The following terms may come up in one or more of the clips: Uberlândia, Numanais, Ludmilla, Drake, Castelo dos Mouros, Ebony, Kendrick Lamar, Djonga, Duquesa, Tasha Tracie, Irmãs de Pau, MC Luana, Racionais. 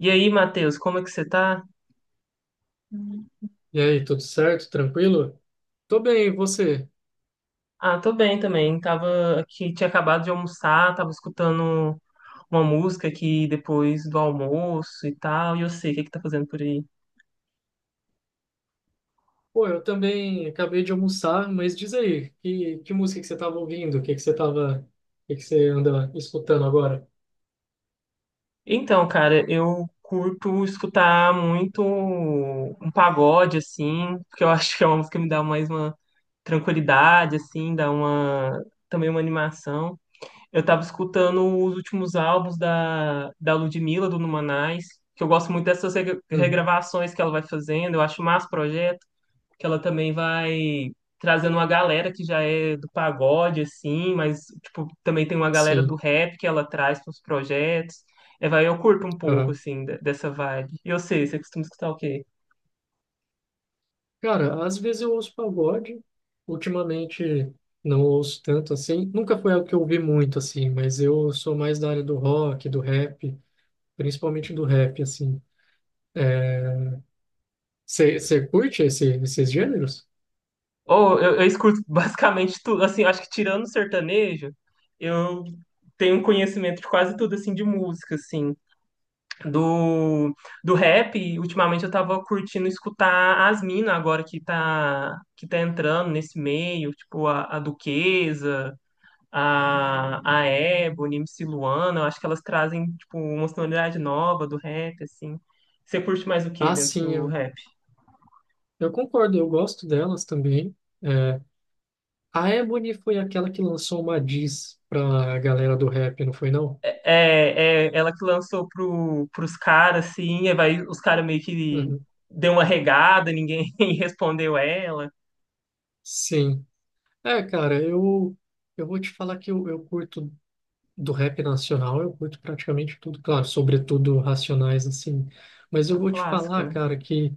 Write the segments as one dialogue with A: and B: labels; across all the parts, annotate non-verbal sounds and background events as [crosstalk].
A: E aí, Matheus, como é que você tá?
B: E aí, tudo certo? Tranquilo? Tô bem, e você?
A: Ah, tô bem também. Tava aqui, tinha acabado de almoçar, tava escutando uma música aqui depois do almoço e tal. E eu sei o que que tá fazendo por aí.
B: Pô, eu também acabei de almoçar, mas diz aí, que música que você tava ouvindo? O que que você tava, o que que você anda escutando agora?
A: Então, cara, eu curto escutar muito um pagode assim, porque eu [laughs] acho que é uma música que me dá mais uma tranquilidade assim, dá uma também uma animação. Eu tava escutando os últimos álbuns da Ludmilla, do Numanais, que eu gosto muito dessas
B: Uhum.
A: regravações que ela vai fazendo, eu acho massa o projeto, que ela também vai trazendo uma galera que já é do pagode, assim, mas, tipo, também tem uma galera do
B: Sim.
A: rap que ela traz para os projetos. É, vai, eu curto um pouco,
B: Aham.
A: assim, dessa vibe. E eu sei, você costuma escutar o quê?
B: Cara, às vezes eu ouço pagode, ultimamente não ouço tanto assim. Nunca foi algo que eu ouvi muito assim, mas eu sou mais da área do rock, do rap, principalmente do rap, assim. Você curte esses gêneros?
A: Eu escuto [laughs] basicamente tudo, assim, acho que tirando o sertanejo, eu tenho um conhecimento de quase tudo, assim, de música, assim, do, do rap. E ultimamente eu tava curtindo escutar as minas agora que tá entrando nesse meio, tipo a Duquesa, a Ebony, MC Luana. Eu acho que elas trazem tipo, uma sonoridade nova do rap, assim. Você curte mais o que
B: Ah,
A: dentro
B: sim,
A: do rap?
B: eu concordo, eu gosto delas também. A Ebony foi aquela que lançou uma diss pra galera do rap, não foi não?
A: É, é ela que lançou pros caras, assim, aí vai, os caras meio que
B: Uhum.
A: deu uma regada, ninguém [laughs] respondeu ela.
B: Sim. É, cara, eu vou te falar que eu curto do rap nacional, eu curto praticamente tudo, claro, sobretudo Racionais, assim. Mas
A: É
B: eu
A: um
B: vou te
A: clássico,
B: falar,
A: né?
B: cara, que...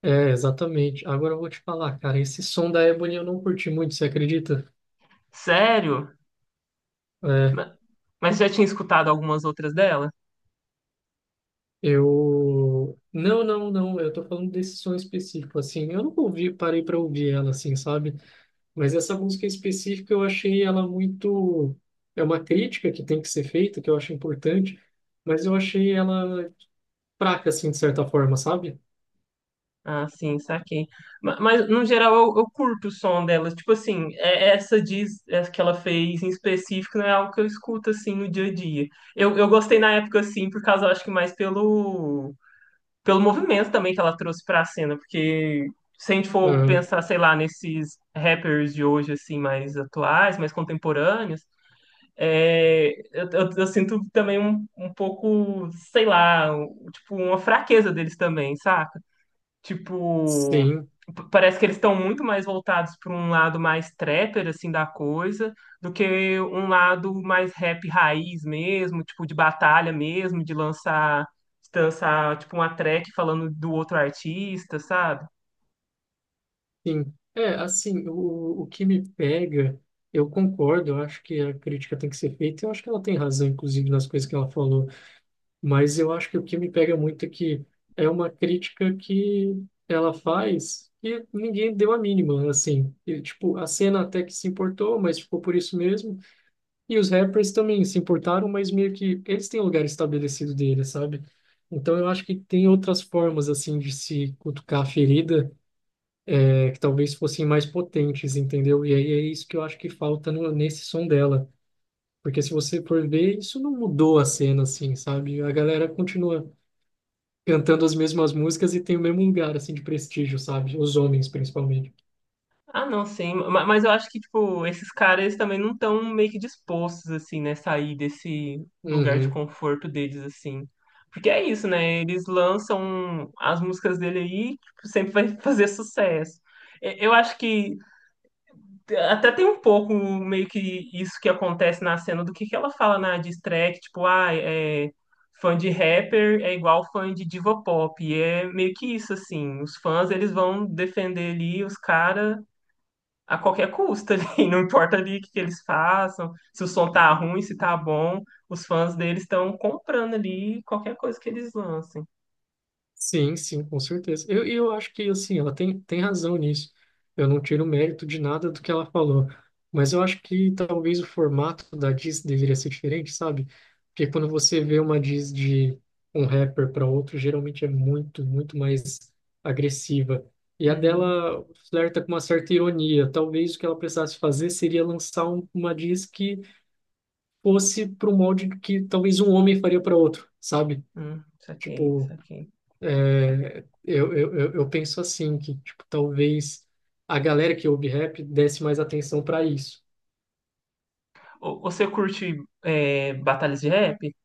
B: É, exatamente. Agora eu vou te falar, cara, esse som da Ebony eu não curti muito, você acredita?
A: Sério?
B: É,
A: Ma- Mas já tinha escutado algumas outras dela?
B: eu... Não, não, não, eu tô falando desse som específico, assim. Eu nunca ouvi, parei pra ouvir ela, assim, sabe? Mas essa música em específico eu achei ela muito. É uma crítica que tem que ser feita, que eu acho importante, mas eu achei ela fraca, assim, de certa forma, sabe?
A: Ah, sim, saquei. Mas, no geral, eu curto o som delas. Tipo assim, essa diz, essa que ela fez em específico não é algo que eu escuto, assim, no dia a dia. Eu gostei na época, assim, por causa, eu acho que mais pelo, pelo movimento também que ela trouxe pra cena. Porque se a gente for
B: Ah,
A: pensar, sei lá, nesses rappers de hoje, assim, mais atuais, mais contemporâneos, é, eu sinto também um pouco, sei lá, tipo, uma fraqueza deles também, saca? Tipo,
B: sim,
A: parece que eles estão muito mais voltados para um lado mais trapper, assim, da coisa, do que um lado mais rap raiz mesmo, tipo, de batalha mesmo, de lançar, tipo, uma track falando do outro artista, sabe?
B: sim. É, assim, o que me pega, eu concordo, eu acho que a crítica tem que ser feita, eu acho que ela tem razão, inclusive, nas coisas que ela falou. Mas eu acho que o que me pega muito é que é uma crítica que ela faz e ninguém deu a mínima, assim. E, tipo, a cena até que se importou, mas ficou por isso mesmo. E os rappers também se importaram, mas meio que eles têm o lugar estabelecido deles, sabe? Então eu acho que tem outras formas, assim, de se cutucar a ferida, é, que talvez fossem mais potentes, entendeu? E aí é isso que eu acho que falta no, nesse som dela. Porque se você for ver, isso não mudou a cena, assim, sabe? A galera continua cantando as mesmas músicas e tem o mesmo lugar, assim, de prestígio, sabe? Os homens, principalmente.
A: Ah, não, sim. Mas eu acho que, tipo, esses caras eles também não estão meio que dispostos, assim, né? Sair desse lugar de
B: Uhum.
A: conforto deles, assim. Porque é isso, né? Eles lançam as músicas dele aí, tipo, sempre vai fazer sucesso. Eu acho que até tem um pouco meio que isso que acontece na cena do que ela fala na diss track, tipo, ah, é. Fã de rapper é igual fã de diva pop. E é meio que isso, assim. Os fãs, eles vão defender ali os caras a qualquer custo ali, [laughs] não importa ali o que que eles façam, se o som tá ruim, se tá bom, os fãs deles estão comprando ali qualquer coisa que eles lancem.
B: Sim, sim, com certeza. Eu, e eu acho que, assim, ela tem razão nisso. Eu não tiro mérito de nada do que ela falou. Mas eu acho que talvez o formato da diss deveria ser diferente, sabe? Porque quando você vê uma diss de um rapper para outro, geralmente é muito, muito mais agressiva. E a
A: Uhum,
B: dela flerta com uma certa ironia. Talvez o que ela precisasse fazer seria lançar uma diss que fosse para um molde que talvez um homem faria para outro, sabe?
A: uhum, saquei,
B: Tipo,
A: saquei.
B: eu penso assim, que tipo, talvez a galera que ouve rap desse mais atenção para isso.
A: Ô, você curte é, batalhas de rap?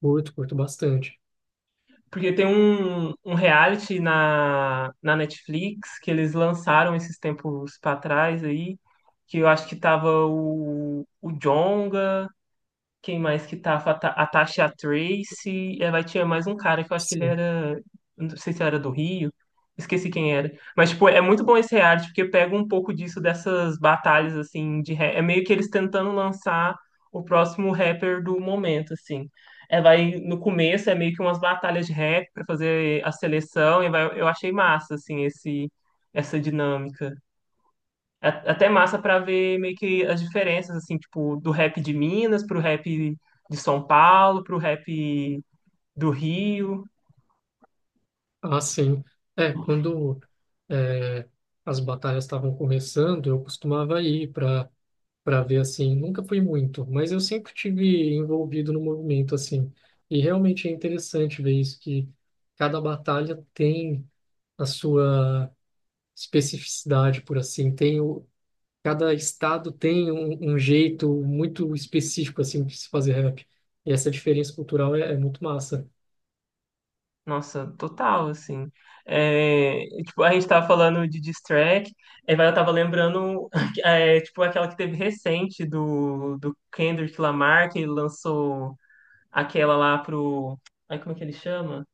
B: Curto, curto bastante.
A: Porque tem um reality na Netflix que eles lançaram esses tempos pra trás aí, que eu acho que tava o Djonga, quem mais que tava? A a Tasha Tracie. É, vai tinha mais um cara que eu acho que ele
B: Sim.
A: era. Não sei se era do Rio. Esqueci quem era. Mas, tipo, é muito bom esse reality, porque pega um pouco disso dessas batalhas, assim, de rap. É meio que eles tentando lançar o próximo rapper do momento, assim. É, vai, no começo é meio que umas batalhas de rap pra fazer a seleção, e vai, eu achei massa, assim, essa dinâmica. É até massa pra ver meio que as diferenças, assim, tipo, do rap de Minas pro rap de São Paulo, pro rap do Rio.
B: Ah, sim. É, quando é, as batalhas estavam começando, eu costumava ir para ver assim. Nunca fui muito, mas eu sempre tive envolvido no movimento assim. E realmente é interessante ver isso, que cada batalha tem a sua especificidade, por assim, tem o, cada estado tem um, um jeito muito específico assim de se fazer rap. E essa diferença cultural é, é muito massa
A: Nossa, total, assim. É, e, tipo, a gente tava falando de diss track, eu tava lembrando, [laughs] é, tipo, aquela que teve recente do Kendrick Lamar, que lançou aquela lá pro... Ai, como é que ele chama?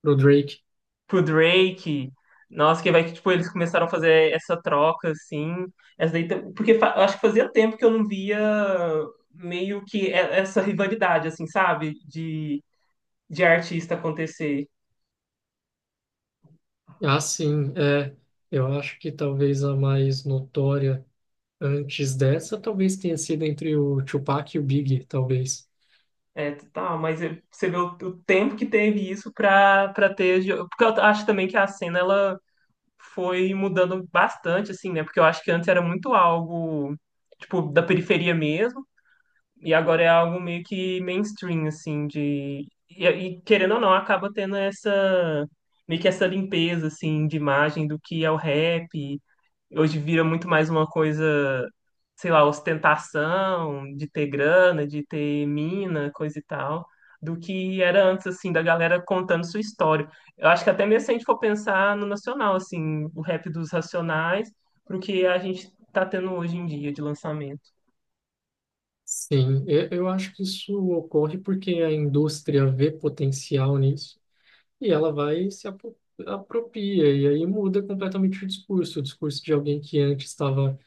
B: pro Drake.
A: Pro Drake. Nossa, que vai que tipo, eles começaram a fazer essa troca, assim. Essa daí, porque acho que fazia tempo que eu não via meio que essa rivalidade, assim, sabe? De artista acontecer.
B: Ah, sim, é. Eu acho que talvez a mais notória antes dessa talvez tenha sido entre o Tupac e o Big, talvez.
A: É, tá, mas você vê o tempo que teve isso pra ter. Porque eu acho também que a cena ela foi mudando bastante, assim, né? Porque eu acho que antes era muito algo, tipo, da periferia mesmo. E agora é algo meio que mainstream, assim, de. E, querendo ou não, acaba tendo essa. Meio que essa limpeza, assim, de imagem do que é o rap. Hoje vira muito mais uma coisa, sei lá, ostentação, de ter grana, de ter mina, coisa e tal, do que era antes, assim, da galera contando sua história. Eu acho que até mesmo se a gente for pensar no nacional, assim, o rap dos Racionais, pro que a gente tá tendo hoje em dia de lançamento.
B: Sim, eu acho que isso ocorre porque a indústria vê potencial nisso e ela vai se apo- apropria, e aí muda completamente o discurso de alguém que antes estava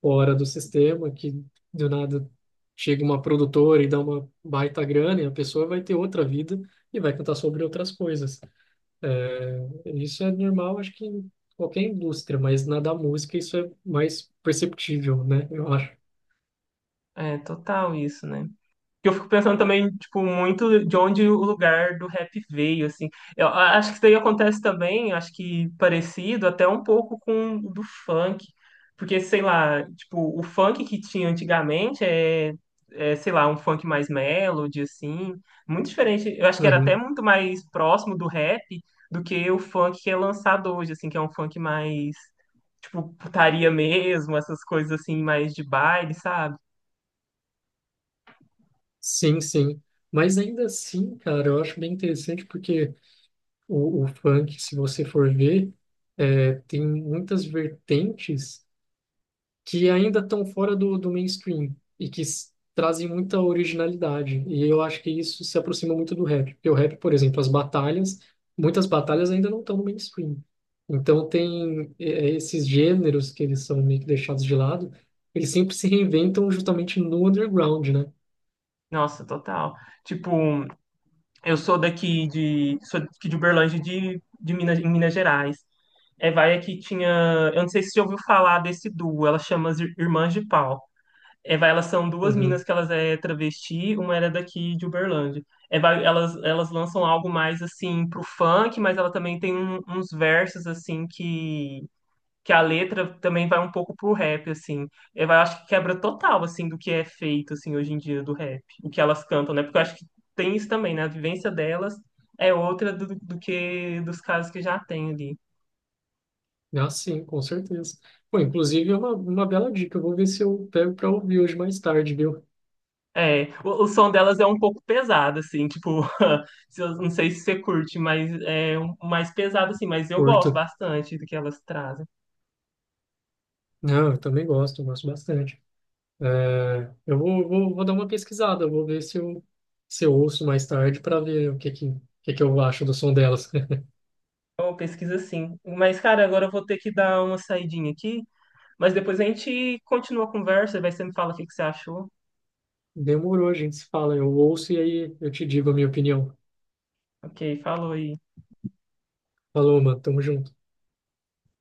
B: fora do sistema, que do nada chega uma produtora e dá uma baita grana, e a pessoa vai ter outra vida e vai cantar sobre outras coisas. É, isso é normal, acho que em qualquer indústria, mas na da música isso é mais perceptível, né? Eu acho.
A: É total isso, né? Que eu fico pensando também, tipo, muito de onde o lugar do rap veio, assim. Eu acho que isso daí acontece também, acho que parecido até um pouco com o do funk. Porque, sei lá, tipo, o funk que tinha antigamente é, sei lá, um funk mais melody, assim. Muito diferente. Eu acho que era até
B: Uhum.
A: muito mais próximo do rap do que o funk que é lançado hoje, assim, que é um funk mais, tipo, putaria mesmo, essas coisas assim, mais de baile, sabe?
B: Sim, sim. Mas ainda assim, cara, eu acho bem interessante porque o funk, se você for ver, tem muitas vertentes que ainda estão fora do mainstream e que trazem muita originalidade. E eu acho que isso se aproxima muito do rap. Porque o rap, por exemplo, as batalhas, muitas batalhas ainda não estão no mainstream. Então tem esses gêneros que eles são meio que deixados de lado, eles sempre se reinventam justamente no underground, né?
A: Nossa, total. Tipo. Eu sou daqui de Uberlândia, de Minas, em Minas Gerais. Evaia que tinha, eu não sei se você ouviu falar desse duo, ela chama as Irmãs de Pau. Evaia, elas são duas minas
B: Uhum.
A: que elas é travesti, uma era daqui de Uberlândia. Evaia, elas lançam algo mais assim pro funk, mas ela também tem uns versos assim que a letra também vai um pouco pro rap, assim. Eu acho que quebra total, assim, do que é feito, assim, hoje em dia do rap. O que elas cantam, né? Porque eu acho que tem isso também, né? A vivência delas é outra do que dos casos que já tem ali.
B: Ah, sim, com certeza. Pô, inclusive é uma bela dica. Eu vou ver se eu pego para ouvir hoje mais tarde, viu?
A: É, o som delas é um pouco pesado, assim, tipo, [laughs] se eu- não sei se você curte, mas mais pesado, assim, mas eu gosto
B: Curto.
A: bastante do que elas trazem.
B: Não, eu também gosto, eu gosto bastante. É, vou dar uma pesquisada, eu vou ver se eu, se eu ouço mais tarde para ver o que que eu acho do som delas. [laughs]
A: É uma pesquisa, sim. Mas, cara, agora eu vou ter que dar uma saidinha aqui, mas depois a gente continua a conversa, vai você me fala o que que você achou.
B: Demorou, a gente se fala, eu ouço e aí eu te digo a minha opinião.
A: Ok, falou aí.
B: Falou, mano, tamo junto.